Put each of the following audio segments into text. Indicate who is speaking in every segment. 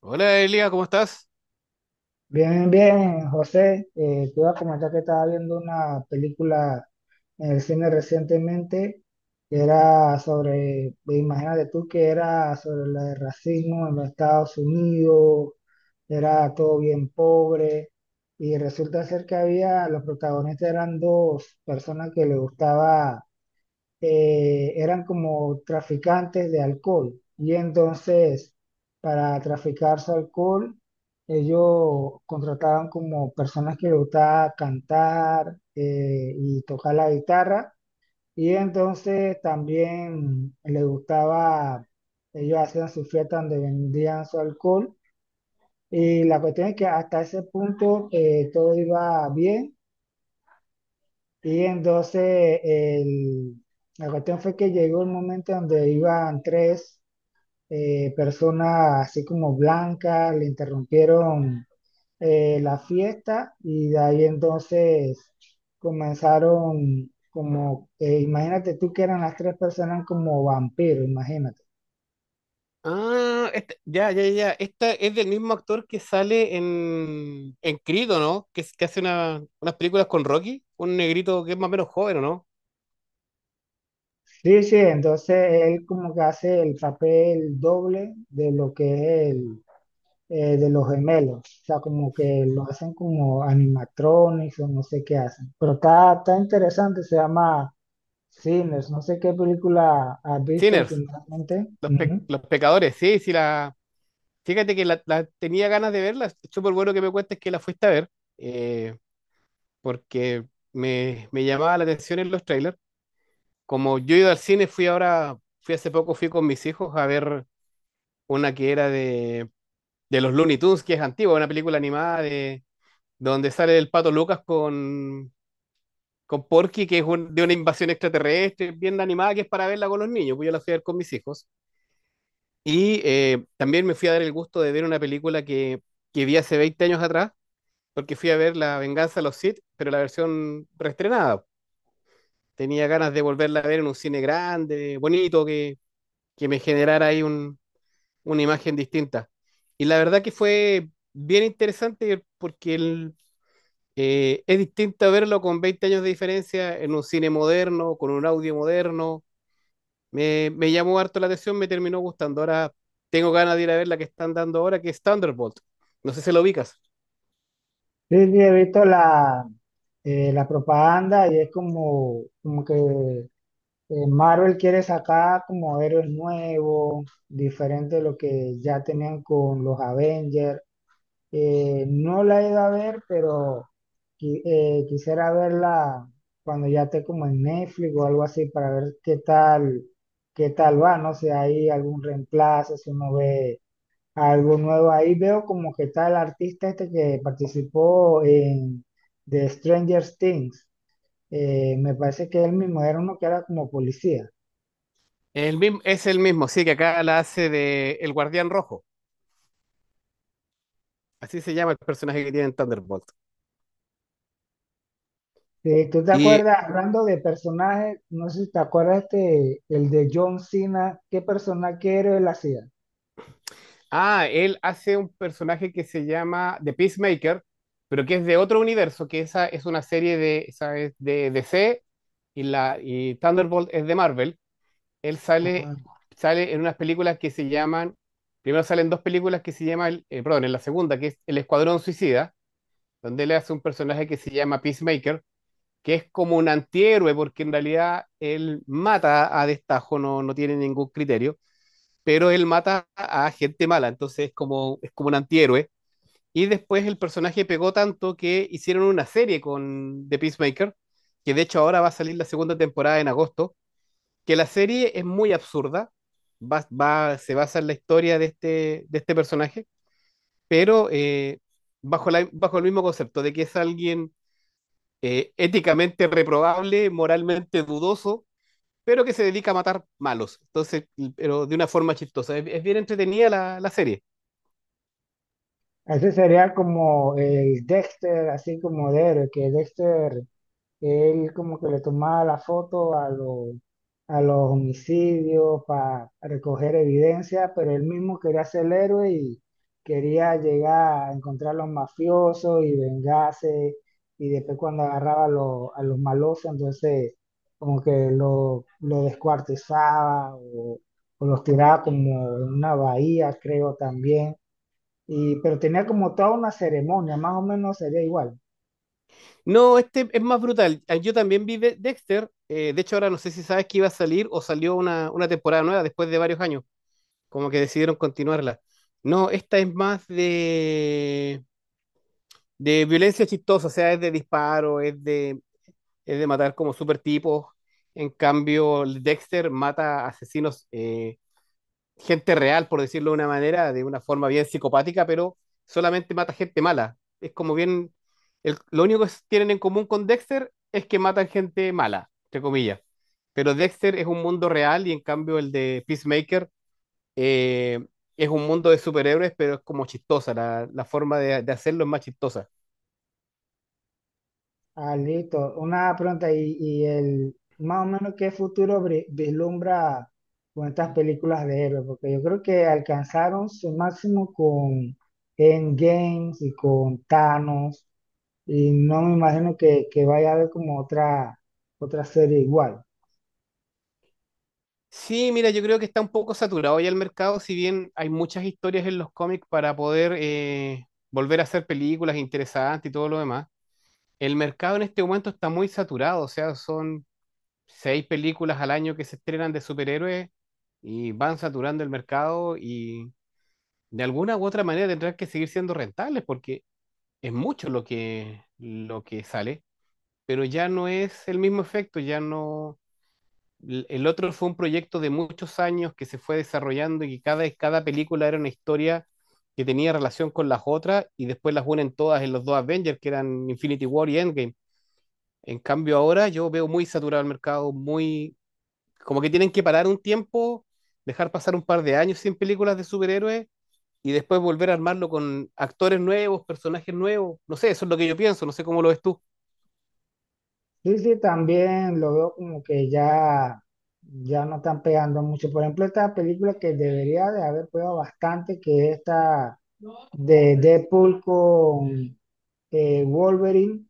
Speaker 1: Hola Elia, ¿cómo estás?
Speaker 2: Bien, bien, José. Te iba a comentar que estaba viendo una película en el cine recientemente que era sobre, imagínate tú que era sobre el racismo en los Estados Unidos, era todo bien pobre y resulta ser que había, los protagonistas eran dos personas que le gustaba eran como traficantes de alcohol. Y entonces, para traficar su alcohol, ellos contrataban como personas que les gustaba cantar y tocar la guitarra. Y entonces también les gustaba, ellos hacían su fiesta donde vendían su alcohol. Y la cuestión es que hasta ese punto todo iba bien y entonces la cuestión fue que llegó el momento donde iban tres personas así como blancas, le interrumpieron la fiesta y de ahí entonces comenzaron como, imagínate tú que eran las tres personas como vampiros, imagínate.
Speaker 1: Ah, ya, ya, ya. Esta es del mismo actor que sale en Creed, ¿o no? Que hace unas películas con Rocky, un negrito que es más o menos joven, ¿o no?
Speaker 2: Sí, sí, entonces él como que hace el papel doble de lo que es de los gemelos. O sea, como que lo hacen como animatronics o no sé qué hacen. Pero está interesante, se llama Sinners. No sé qué película has visto
Speaker 1: Sinners,
Speaker 2: últimamente. Ujú.
Speaker 1: los pecadores, sí, sí, la. Fíjate que la tenía ganas de verla. Es súper bueno que me cuentes que la fuiste a ver, eh, porque me llamaba la atención en los trailers. Como yo he ido al cine, fui ahora, fui hace poco, fui con mis hijos a ver una que era de los Looney Tunes, que es antigua, una película animada de donde sale el Pato Lucas con Porky, que es de una invasión extraterrestre, bien animada, que es para verla con los niños, pues yo la fui a ver con mis hijos. Y también me fui a dar el gusto de ver una película que vi hace 20 años atrás, porque fui a ver La Venganza de los Sith, pero la versión reestrenada. Tenía ganas de volverla a ver en un cine grande, bonito, que me generara ahí una imagen distinta. Y la verdad que fue bien interesante porque es distinto verlo con 20 años de diferencia en un cine moderno, con un audio moderno. Me llamó harto la atención, me terminó gustando. Ahora tengo ganas de ir a ver la que están dando ahora, que es Thunderbolt. No sé si lo ubicas.
Speaker 2: Sí, sí, he visto la propaganda y es como, como que Marvel quiere sacar como héroes nuevos, diferente de lo que ya tenían con los Avengers. No la he ido a ver, pero quisiera verla cuando ya esté como en Netflix o algo así para ver qué tal va, no sé, hay algún reemplazo, si uno ve algo nuevo. Ahí veo como que está el artista este que participó en The Stranger Things. Me parece que él mismo era uno que era como policía.
Speaker 1: El mismo, es el mismo, sí, que acá la hace de El Guardián Rojo. Así se llama el personaje que tiene en Thunderbolt.
Speaker 2: ¿Tú te
Speaker 1: Y,
Speaker 2: acuerdas, hablando de personajes, no sé si te acuerdas este, el de John Cena, qué personaje, qué héroe él hacía?
Speaker 1: ah, él hace un personaje que se llama The Peacemaker, pero que es de otro universo, que esa es una serie esa es de D C y Thunderbolt es de Marvel. Él
Speaker 2: Ah,
Speaker 1: sale en unas películas que se llaman, primero salen dos películas que se llaman, perdón, en la segunda, que es El Escuadrón Suicida, donde él hace un personaje que se llama Peacemaker, que es como un antihéroe, porque en realidad él mata a destajo, no tiene ningún criterio, pero él mata a gente mala, entonces es es como un antihéroe. Y después el personaje pegó tanto que hicieron una serie con The Peacemaker, que de hecho ahora va a salir la segunda temporada en agosto, que la serie es muy absurda, se basa en la historia de de este personaje, pero bajo bajo el mismo concepto de que es alguien éticamente reprobable, moralmente dudoso, pero que se dedica a matar malos. Entonces, pero de una forma chistosa. Es bien entretenida la serie.
Speaker 2: ese sería como el Dexter, así como Derek, que Dexter, él como que le tomaba la foto a a los homicidios para recoger evidencia, pero él mismo quería ser el héroe y quería llegar a encontrar a los mafiosos y vengarse, y después cuando agarraba a a los malosos, entonces como que lo descuartizaba o los tiraba como en una bahía, creo también. Y, pero tenía como toda una ceremonia, más o menos sería igual.
Speaker 1: No, este es más brutal. Ah, yo también vi Dexter. De hecho, ahora no sé si sabes que iba a salir o salió una temporada nueva después de varios años. Como que decidieron continuarla. No, esta es más de violencia chistosa, o sea, es de disparo, es de matar como super tipos. En cambio, el Dexter mata asesinos, gente real, por decirlo de una manera, de una forma bien psicopática, pero solamente mata gente mala. Es como bien, lo único que tienen en común con Dexter es que matan gente mala, entre comillas. Pero Dexter es un mundo real y en cambio el de Peacemaker eh, es un mundo de superhéroes, pero es como chistosa, la forma de hacerlo es más chistosa.
Speaker 2: Ah, listo. Una pregunta, y el, más o menos qué futuro vislumbra con estas películas de héroes, porque yo creo que alcanzaron su máximo con Endgames y con Thanos, y no me imagino que vaya a haber como otra, otra serie igual.
Speaker 1: Sí, mira, yo creo que está un poco saturado ya el mercado, si bien hay muchas historias en los cómics para poder volver a hacer películas interesantes y todo lo demás. El mercado en este momento está muy saturado, o sea, son 6 películas al año que se estrenan de superhéroes y van saturando el mercado y de alguna u otra manera tendrán que seguir siendo rentables porque es mucho lo que sale. Pero ya no es el mismo efecto, ya no... El otro fue un proyecto de muchos años que se fue desarrollando y que cada película era una historia que tenía relación con las otras y después las unen todas en los dos Avengers, que eran Infinity War y Endgame. En cambio ahora yo veo muy saturado el mercado, muy... como que tienen que parar un tiempo, dejar pasar un par de años sin películas de superhéroes y después volver a armarlo con actores nuevos, personajes nuevos. No sé, eso es lo que yo pienso, no sé cómo lo ves tú.
Speaker 2: Sí, sí, también lo veo como que ya, ya no están pegando mucho. Por ejemplo, esta película que debería de haber pegado bastante, que es esta de Deadpool con Wolverine,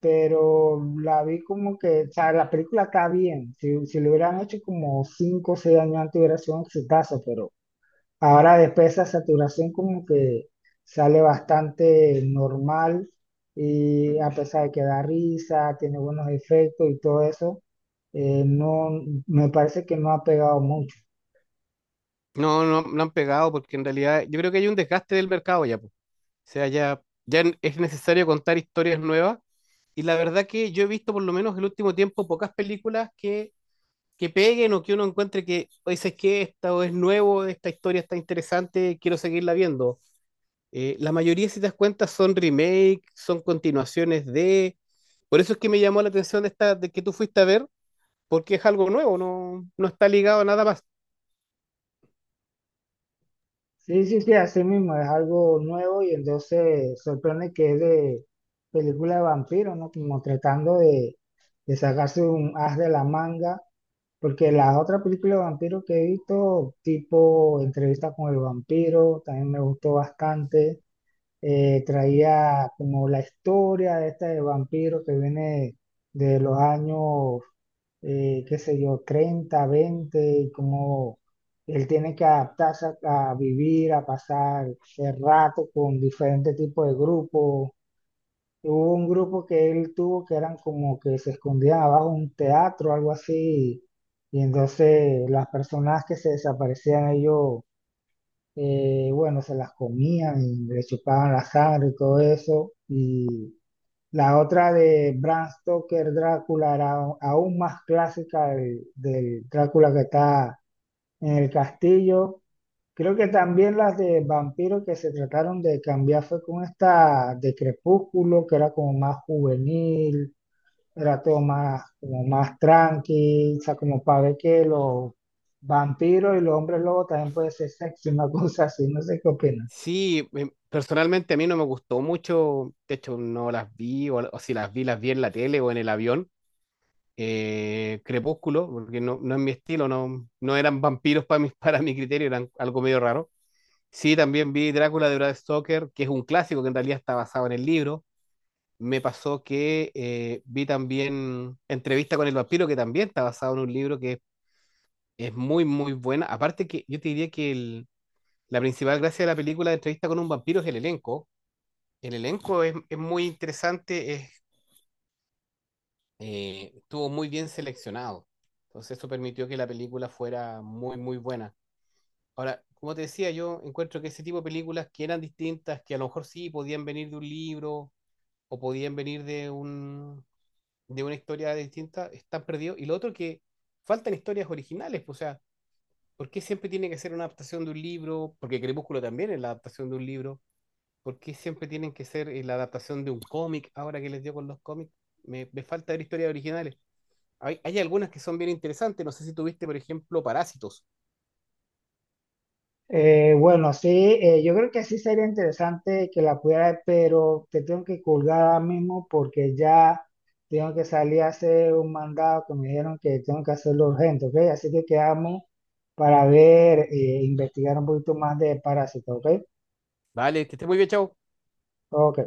Speaker 2: pero la vi como que, o sea, la película está bien. Si, si lo hubieran hecho como 5, o 6 años antes hubiera sido un exitazo, pero ahora después esa saturación como que sale bastante normal y a pesar de que da risa, tiene buenos efectos y todo eso, no, me parece que no ha pegado mucho.
Speaker 1: No, no, no han pegado porque en realidad yo creo que hay un desgaste del mercado ya, po. O sea, ya es necesario contar historias nuevas. Y la verdad que yo he visto por lo menos el último tiempo pocas películas que peguen o que uno encuentre que, o dices que esta o es nuevo, esta historia está interesante, quiero seguirla viendo. La mayoría, si te das cuenta, son remake, son continuaciones de... Por eso es que me llamó la atención esta de que tú fuiste a ver, porque es algo nuevo, no está ligado a nada más.
Speaker 2: Sí, sí, sí, así mismo, es algo nuevo y entonces sorprende que es de película de vampiros, ¿no? Como tratando de sacarse un as de la manga, porque las otras películas de vampiros que he visto, tipo Entrevista con el vampiro, también me gustó bastante. Traía como la historia de este vampiro que viene de los años, qué sé yo, 30 20 y cómo él tiene que adaptarse a vivir, a pasar el rato con diferentes tipos de grupos. Hubo un grupo que él tuvo que eran como que se escondían abajo de un teatro, algo así, y entonces las personas que se desaparecían ellos bueno, se las comían y le chupaban la sangre y todo eso. Y la otra de Bram Stoker, Drácula, era aún más clásica del Drácula que está en el castillo. Creo que también las de vampiros que se trataron de cambiar fue con esta de Crepúsculo, que era como más juvenil, era todo más, como más tranqui, o sea, como para ver que los vampiros y los hombres lobos también puede ser sexy, una cosa así, no sé qué opinas.
Speaker 1: Sí, personalmente a mí no me gustó mucho, de hecho no las vi, o si las vi, las vi en la tele o en el avión. Crepúsculo, porque no es mi estilo, no eran vampiros para mi, para mi criterio, eran algo medio raro. Sí, también vi Drácula de Brad Stoker, que es un clásico que en realidad está basado en el libro. Me pasó que vi también Entrevista con el vampiro, que también está basado en un libro que es muy, muy buena. Aparte que yo te diría que la principal gracia de la película de Entrevista con un vampiro es el elenco. El elenco es muy interesante, estuvo muy bien seleccionado. Entonces eso permitió que la película fuera muy, muy buena. Ahora, como te decía, yo encuentro que ese tipo de películas que eran distintas, que a lo mejor sí podían venir de un libro o podían venir de un, de una historia distinta, están perdidos. Y lo otro que faltan historias originales, pues, o sea, ¿por qué siempre tiene que ser una adaptación de un libro? Porque Crepúsculo también es la adaptación de un libro. ¿Por qué siempre tienen que ser la adaptación de un cómic ahora que les dio con los cómics? Me falta ver historias originales. Hay algunas que son bien interesantes. No sé si tuviste, por ejemplo, Parásitos.
Speaker 2: Bueno, sí, yo creo que sí sería interesante que la pudiera ver, pero te tengo que colgar ahora mismo porque ya tengo que salir a hacer un mandado que me dijeron que tengo que hacerlo urgente, ¿ok? Así que quedamos para ver, investigar un poquito más de parásitos, ¿ok?
Speaker 1: Vale, que esté muy bien, chao.
Speaker 2: Ok.